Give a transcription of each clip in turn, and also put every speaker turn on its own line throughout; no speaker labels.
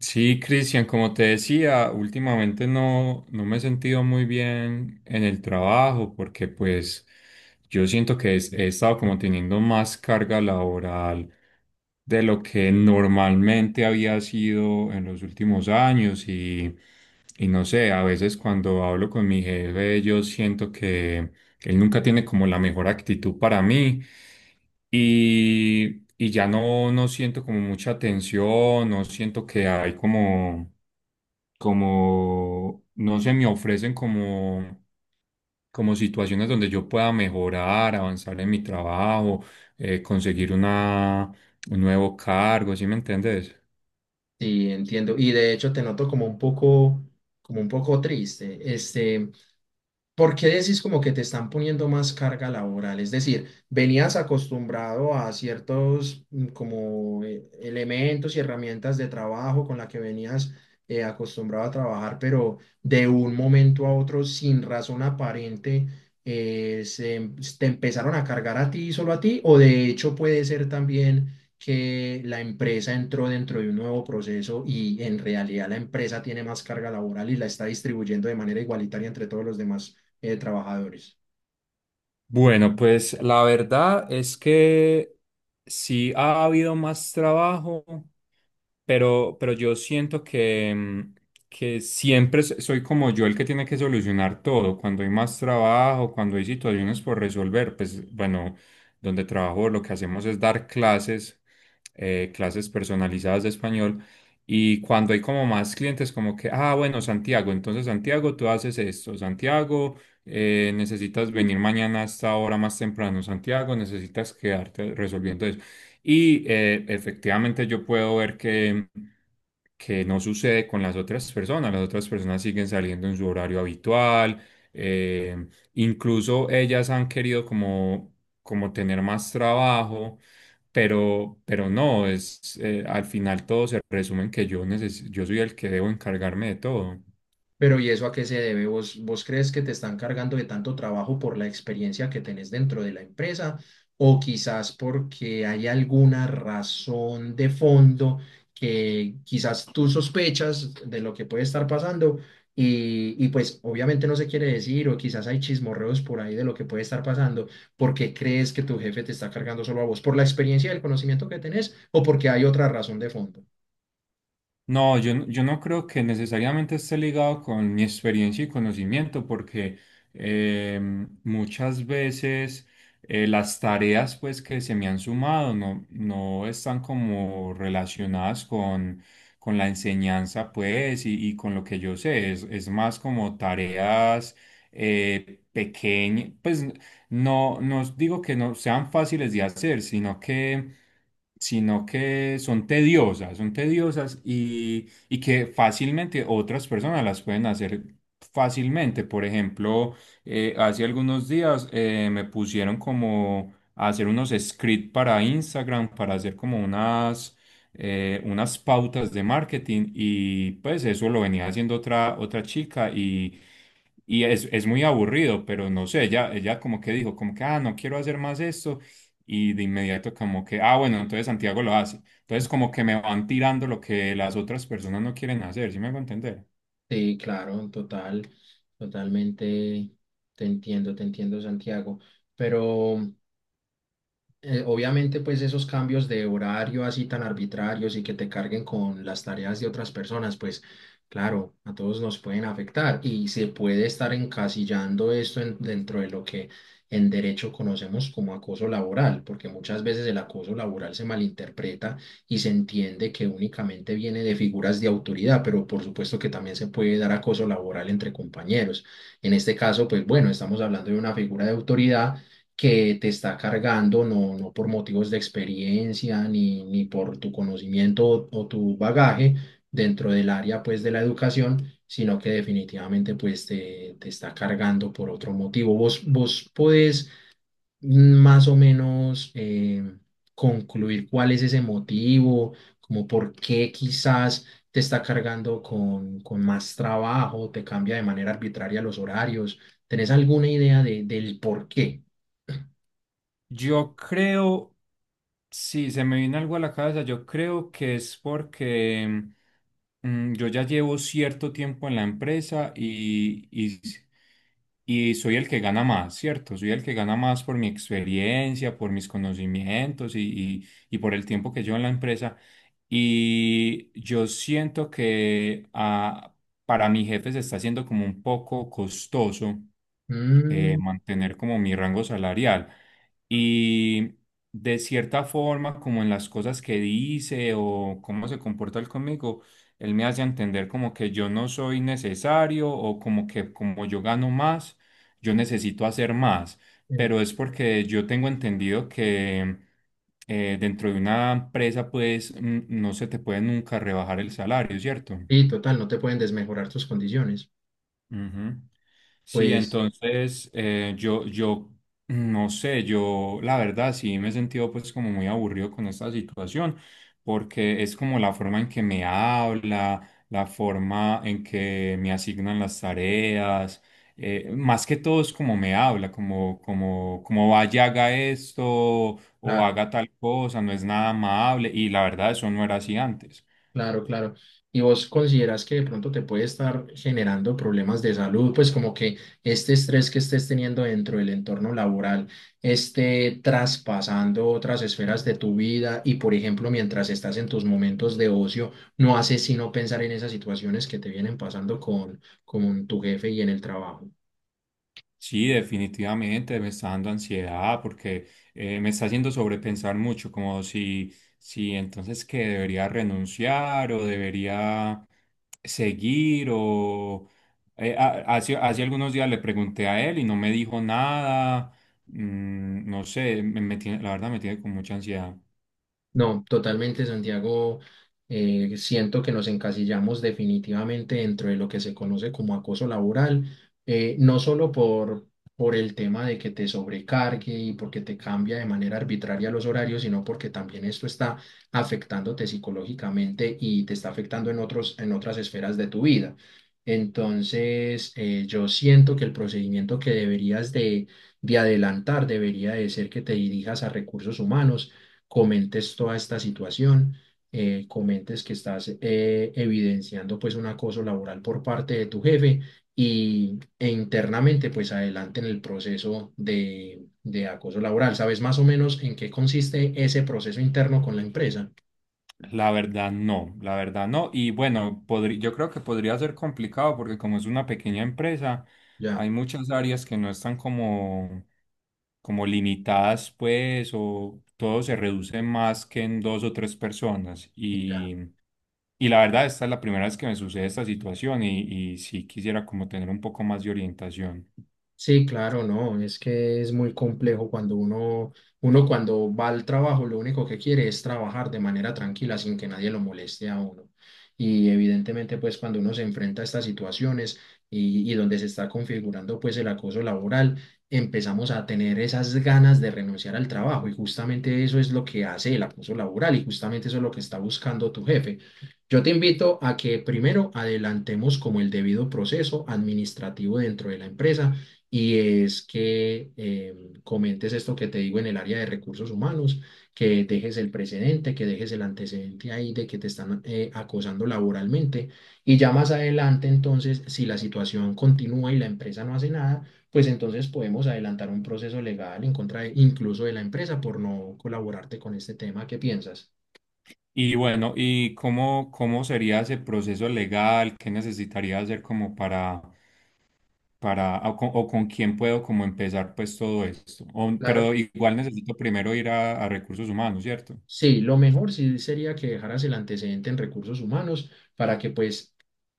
Sí, Cristian, como te decía, últimamente no me he sentido muy bien en el trabajo porque pues yo siento que he estado como teniendo más carga laboral de lo que normalmente había sido en los últimos años y no sé, a veces cuando hablo con mi jefe yo siento que él nunca tiene como la mejor actitud para mí y ya no siento como mucha tensión, no siento que hay como, como, no se me ofrecen como, como situaciones donde yo pueda mejorar, avanzar en mi trabajo, conseguir una, un nuevo cargo, ¿sí me entiendes?
Sí, entiendo. Y de hecho te noto como un poco triste. ¿Porque decís como que te están poniendo más carga laboral? Es decir, venías acostumbrado a ciertos como elementos y herramientas de trabajo con la que venías acostumbrado a trabajar, pero de un momento a otro, sin razón aparente, te empezaron a cargar a ti, y solo a ti, o de hecho puede ser también que la empresa entró dentro de un nuevo proceso y en realidad la empresa tiene más carga laboral y la está distribuyendo de manera igualitaria entre todos los demás trabajadores.
Bueno, pues la verdad es que sí ha habido más trabajo, pero yo siento que, que siempre soy como yo el que tiene que solucionar todo. Cuando hay más trabajo, cuando hay situaciones por resolver, pues bueno, donde trabajo lo que hacemos es dar clases, clases personalizadas de español. Y cuando hay como más clientes, como que, ah, bueno, Santiago, entonces Santiago, tú haces esto. Santiago, necesitas venir mañana a esta hora más temprano. Santiago, necesitas quedarte resolviendo y efectivamente yo puedo ver que no sucede con las otras personas. Las otras personas siguen saliendo en su horario habitual. eh, Incluso ellas han querido como, como tener más trabajo, pero no, es, al final todo se resume en que yo, yo soy el que debo encargarme de todo.
Pero ¿y eso a qué se debe? ¿Vos crees que te están cargando de tanto trabajo por la experiencia que tenés dentro de la empresa? ¿O quizás porque hay alguna razón de fondo que quizás tú sospechas de lo que puede estar pasando? Y pues obviamente no se quiere decir, o quizás hay chismorreos por ahí de lo que puede estar pasando, porque crees que tu jefe te está cargando solo a vos por la experiencia y el conocimiento que tenés, o porque hay otra razón de fondo.
No, yo, yo no creo que necesariamente esté ligado con mi experiencia y conocimiento, porque eh, muchas veces las tareas pues, que se me han sumado no están como relacionadas con la enseñanza pues, y con lo que yo sé. Es más como tareas pequeñas, pues no digo que no sean fáciles de hacer, sino que son tediosas y que fácilmente otras personas las pueden hacer fácilmente. Por ejemplo, hace algunos días me pusieron como a hacer unos scripts para Instagram, para hacer como unas, unas pautas de marketing y pues eso lo venía haciendo otra, otra chica y... Y es muy aburrido, pero no sé, ella como que dijo, como que, ah, no quiero hacer más esto. Y de inmediato como que, ah, bueno, entonces Santiago lo hace. Entonces como que me van tirando lo que las otras personas no quieren hacer, ¿sí me hago entender?
Sí, claro, total, totalmente te entiendo, Santiago. Pero obviamente, pues esos cambios de horario así tan arbitrarios y que te carguen con las tareas de otras personas, pues claro, a todos nos pueden afectar y se puede estar encasillando dentro de lo que en derecho conocemos como acoso laboral, porque muchas veces el acoso laboral se malinterpreta y se entiende que únicamente viene de figuras de autoridad, pero por supuesto que también se puede dar acoso laboral entre compañeros. En este caso, pues bueno, estamos hablando de una figura de autoridad que te está cargando, no, no por motivos de experiencia ni por tu conocimiento o tu bagaje dentro del área pues de la educación, sino que definitivamente pues te está cargando por otro motivo. Vos podés más o menos concluir cuál es ese motivo, como por qué quizás te está cargando con más trabajo, te cambia de manera arbitraria los horarios. ¿Tenés alguna idea de, del por qué?
Yo creo, si se me viene algo a la cabeza, yo creo que es porque yo ya llevo cierto tiempo en la empresa y soy el que gana más, ¿cierto? Soy el que gana más por mi experiencia, por mis conocimientos y por el tiempo que llevo en la empresa. Y yo siento que ah, para mi jefe se está haciendo como un poco costoso
Mm,
mantener como mi rango salarial. Y de cierta forma, como en las cosas que dice o cómo se comporta él conmigo, él me hace entender como que yo no soy necesario o como que como yo gano más, yo necesito hacer más.
en-
Pero es porque yo tengo entendido que dentro de una empresa, pues no se te puede nunca rebajar el salario, ¿cierto?
y total, no te pueden desmejorar tus condiciones. Sí.
Ujú. Sí,
Pues
entonces yo, yo no sé, yo la verdad sí me he sentido pues como muy aburrido con esta situación, porque es como la forma en que me habla, la forma en que me asignan las tareas, más que todo es como me habla, como, como, como vaya, haga esto o
claro,
haga tal cosa, no es nada amable y la verdad eso no era así antes.
claro, claro. ¿Y vos consideras que de pronto te puede estar generando problemas de salud? Pues como que este estrés que estés teniendo dentro del entorno laboral esté traspasando otras esferas de tu vida y, por ejemplo, mientras estás en tus momentos de ocio, no haces sino pensar en esas situaciones que te vienen pasando con tu jefe y en el trabajo.
Sí, definitivamente me está dando ansiedad porque me está haciendo sobrepensar mucho, como si, si entonces que debería renunciar o debería seguir o hace, hace algunos días le pregunté a él y no me dijo nada. No sé, la verdad me tiene con mucha ansiedad.
No, totalmente, Santiago. Siento que nos encasillamos definitivamente dentro de lo que se conoce como acoso laboral, no solo por el tema de que te sobrecargue y porque te cambia de manera arbitraria los horarios, sino porque también esto está afectándote psicológicamente y te está afectando en otros, en otras esferas de tu vida. Entonces, yo siento que el procedimiento que deberías de adelantar debería de ser que te dirijas a recursos humanos, comentes toda esta situación, comentes que estás evidenciando pues un acoso laboral por parte de tu jefe y, e internamente pues adelante en el proceso de acoso laboral. ¿Sabes más o menos en qué consiste ese proceso interno con la empresa?
La verdad no, la verdad no. Y bueno, yo creo que podría ser complicado porque como es una pequeña empresa,
Ya,
hay muchas áreas que no están como como limitadas, pues, o todo se reduce más que en dos o tres personas.
ya.
Y la verdad, esta es la primera vez que me sucede esta situación y sí quisiera como tener un poco más de orientación.
Sí, claro, no, es que es muy complejo cuando uno, uno cuando va al trabajo, lo único que quiere es trabajar de manera tranquila sin que nadie lo moleste a uno. Y evidentemente, pues cuando uno se enfrenta a estas situaciones y donde se está configurando pues el acoso laboral, empezamos a tener esas ganas de renunciar al trabajo y justamente eso es lo que hace el acoso laboral y justamente eso es lo que está buscando tu jefe. Yo te invito a que primero adelantemos como el debido proceso administrativo dentro de la empresa y es que comentes esto que te digo en el área de recursos humanos, que dejes el precedente, que dejes el antecedente ahí de que te están acosando laboralmente y ya más adelante entonces, si la situación continúa y la empresa no hace nada, pues entonces podemos adelantar un proceso legal incluso de la empresa por no colaborarte con este tema. ¿Qué piensas?
Y bueno, ¿y cómo, cómo sería ese proceso legal? ¿Qué necesitaría hacer como para, o con quién puedo como empezar pues todo esto?
Claro.
Pero igual necesito primero ir a recursos humanos, ¿cierto?
Sí, lo mejor sí sería que dejaras el antecedente en recursos humanos para que pues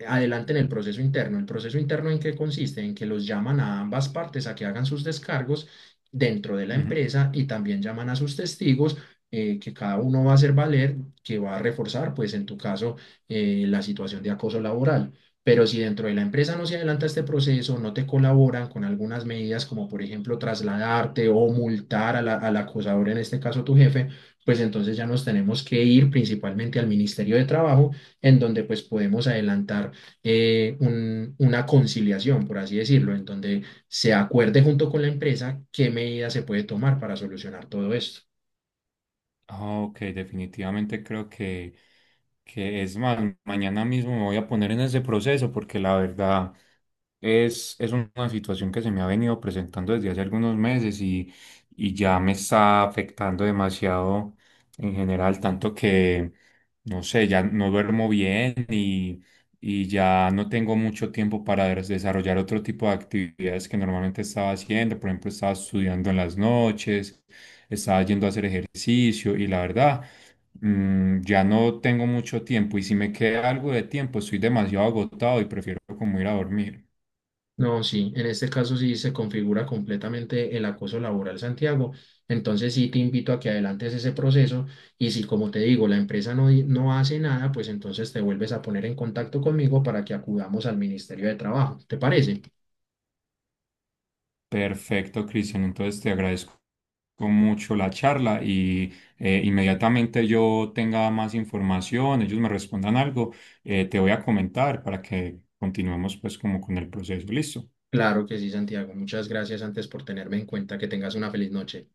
adelanten el proceso interno. ¿El proceso interno en qué consiste? En que los llaman a ambas partes a que hagan sus descargos dentro de la
Ujú.
empresa y también llaman a sus testigos que cada uno va a hacer valer, que va a reforzar pues en tu caso la situación de acoso laboral. Pero si dentro de la empresa no se adelanta este proceso, no te colaboran con algunas medidas como por ejemplo trasladarte o multar al acosador, en este caso tu jefe, pues entonces ya nos tenemos que ir principalmente al Ministerio de Trabajo, en donde pues podemos adelantar una conciliación, por así decirlo, en donde se acuerde junto con la empresa qué medidas se puede tomar para solucionar todo esto.
Ah, ok, definitivamente creo que es más, mañana mismo me voy a poner en ese proceso porque la verdad es una situación que se me ha venido presentando desde hace algunos meses y ya me está afectando demasiado en general, tanto que, no sé, ya no duermo bien y ya no tengo mucho tiempo para desarrollar otro tipo de actividades que normalmente estaba haciendo. Por ejemplo, estaba estudiando en las noches, estaba yendo a hacer ejercicio y la verdad, ya no tengo mucho tiempo y si me queda algo de tiempo, estoy demasiado agotado y prefiero como ir a dormir.
No, sí, en este caso sí se configura completamente el acoso laboral, Santiago. Entonces sí te invito a que adelantes ese proceso y si, como te digo, la empresa no hace nada, pues entonces te vuelves a poner en contacto conmigo para que acudamos al Ministerio de Trabajo. ¿Te parece?
Perfecto, Cristian. Entonces te agradezco mucho la charla y inmediatamente yo tenga más información, ellos me respondan algo, te voy a comentar para que continuemos pues como con el proceso. Listo.
Claro que sí, Santiago. Muchas gracias antes por tenerme en cuenta. Que tengas una feliz noche.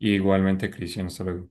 Igualmente, Cristian, hasta luego.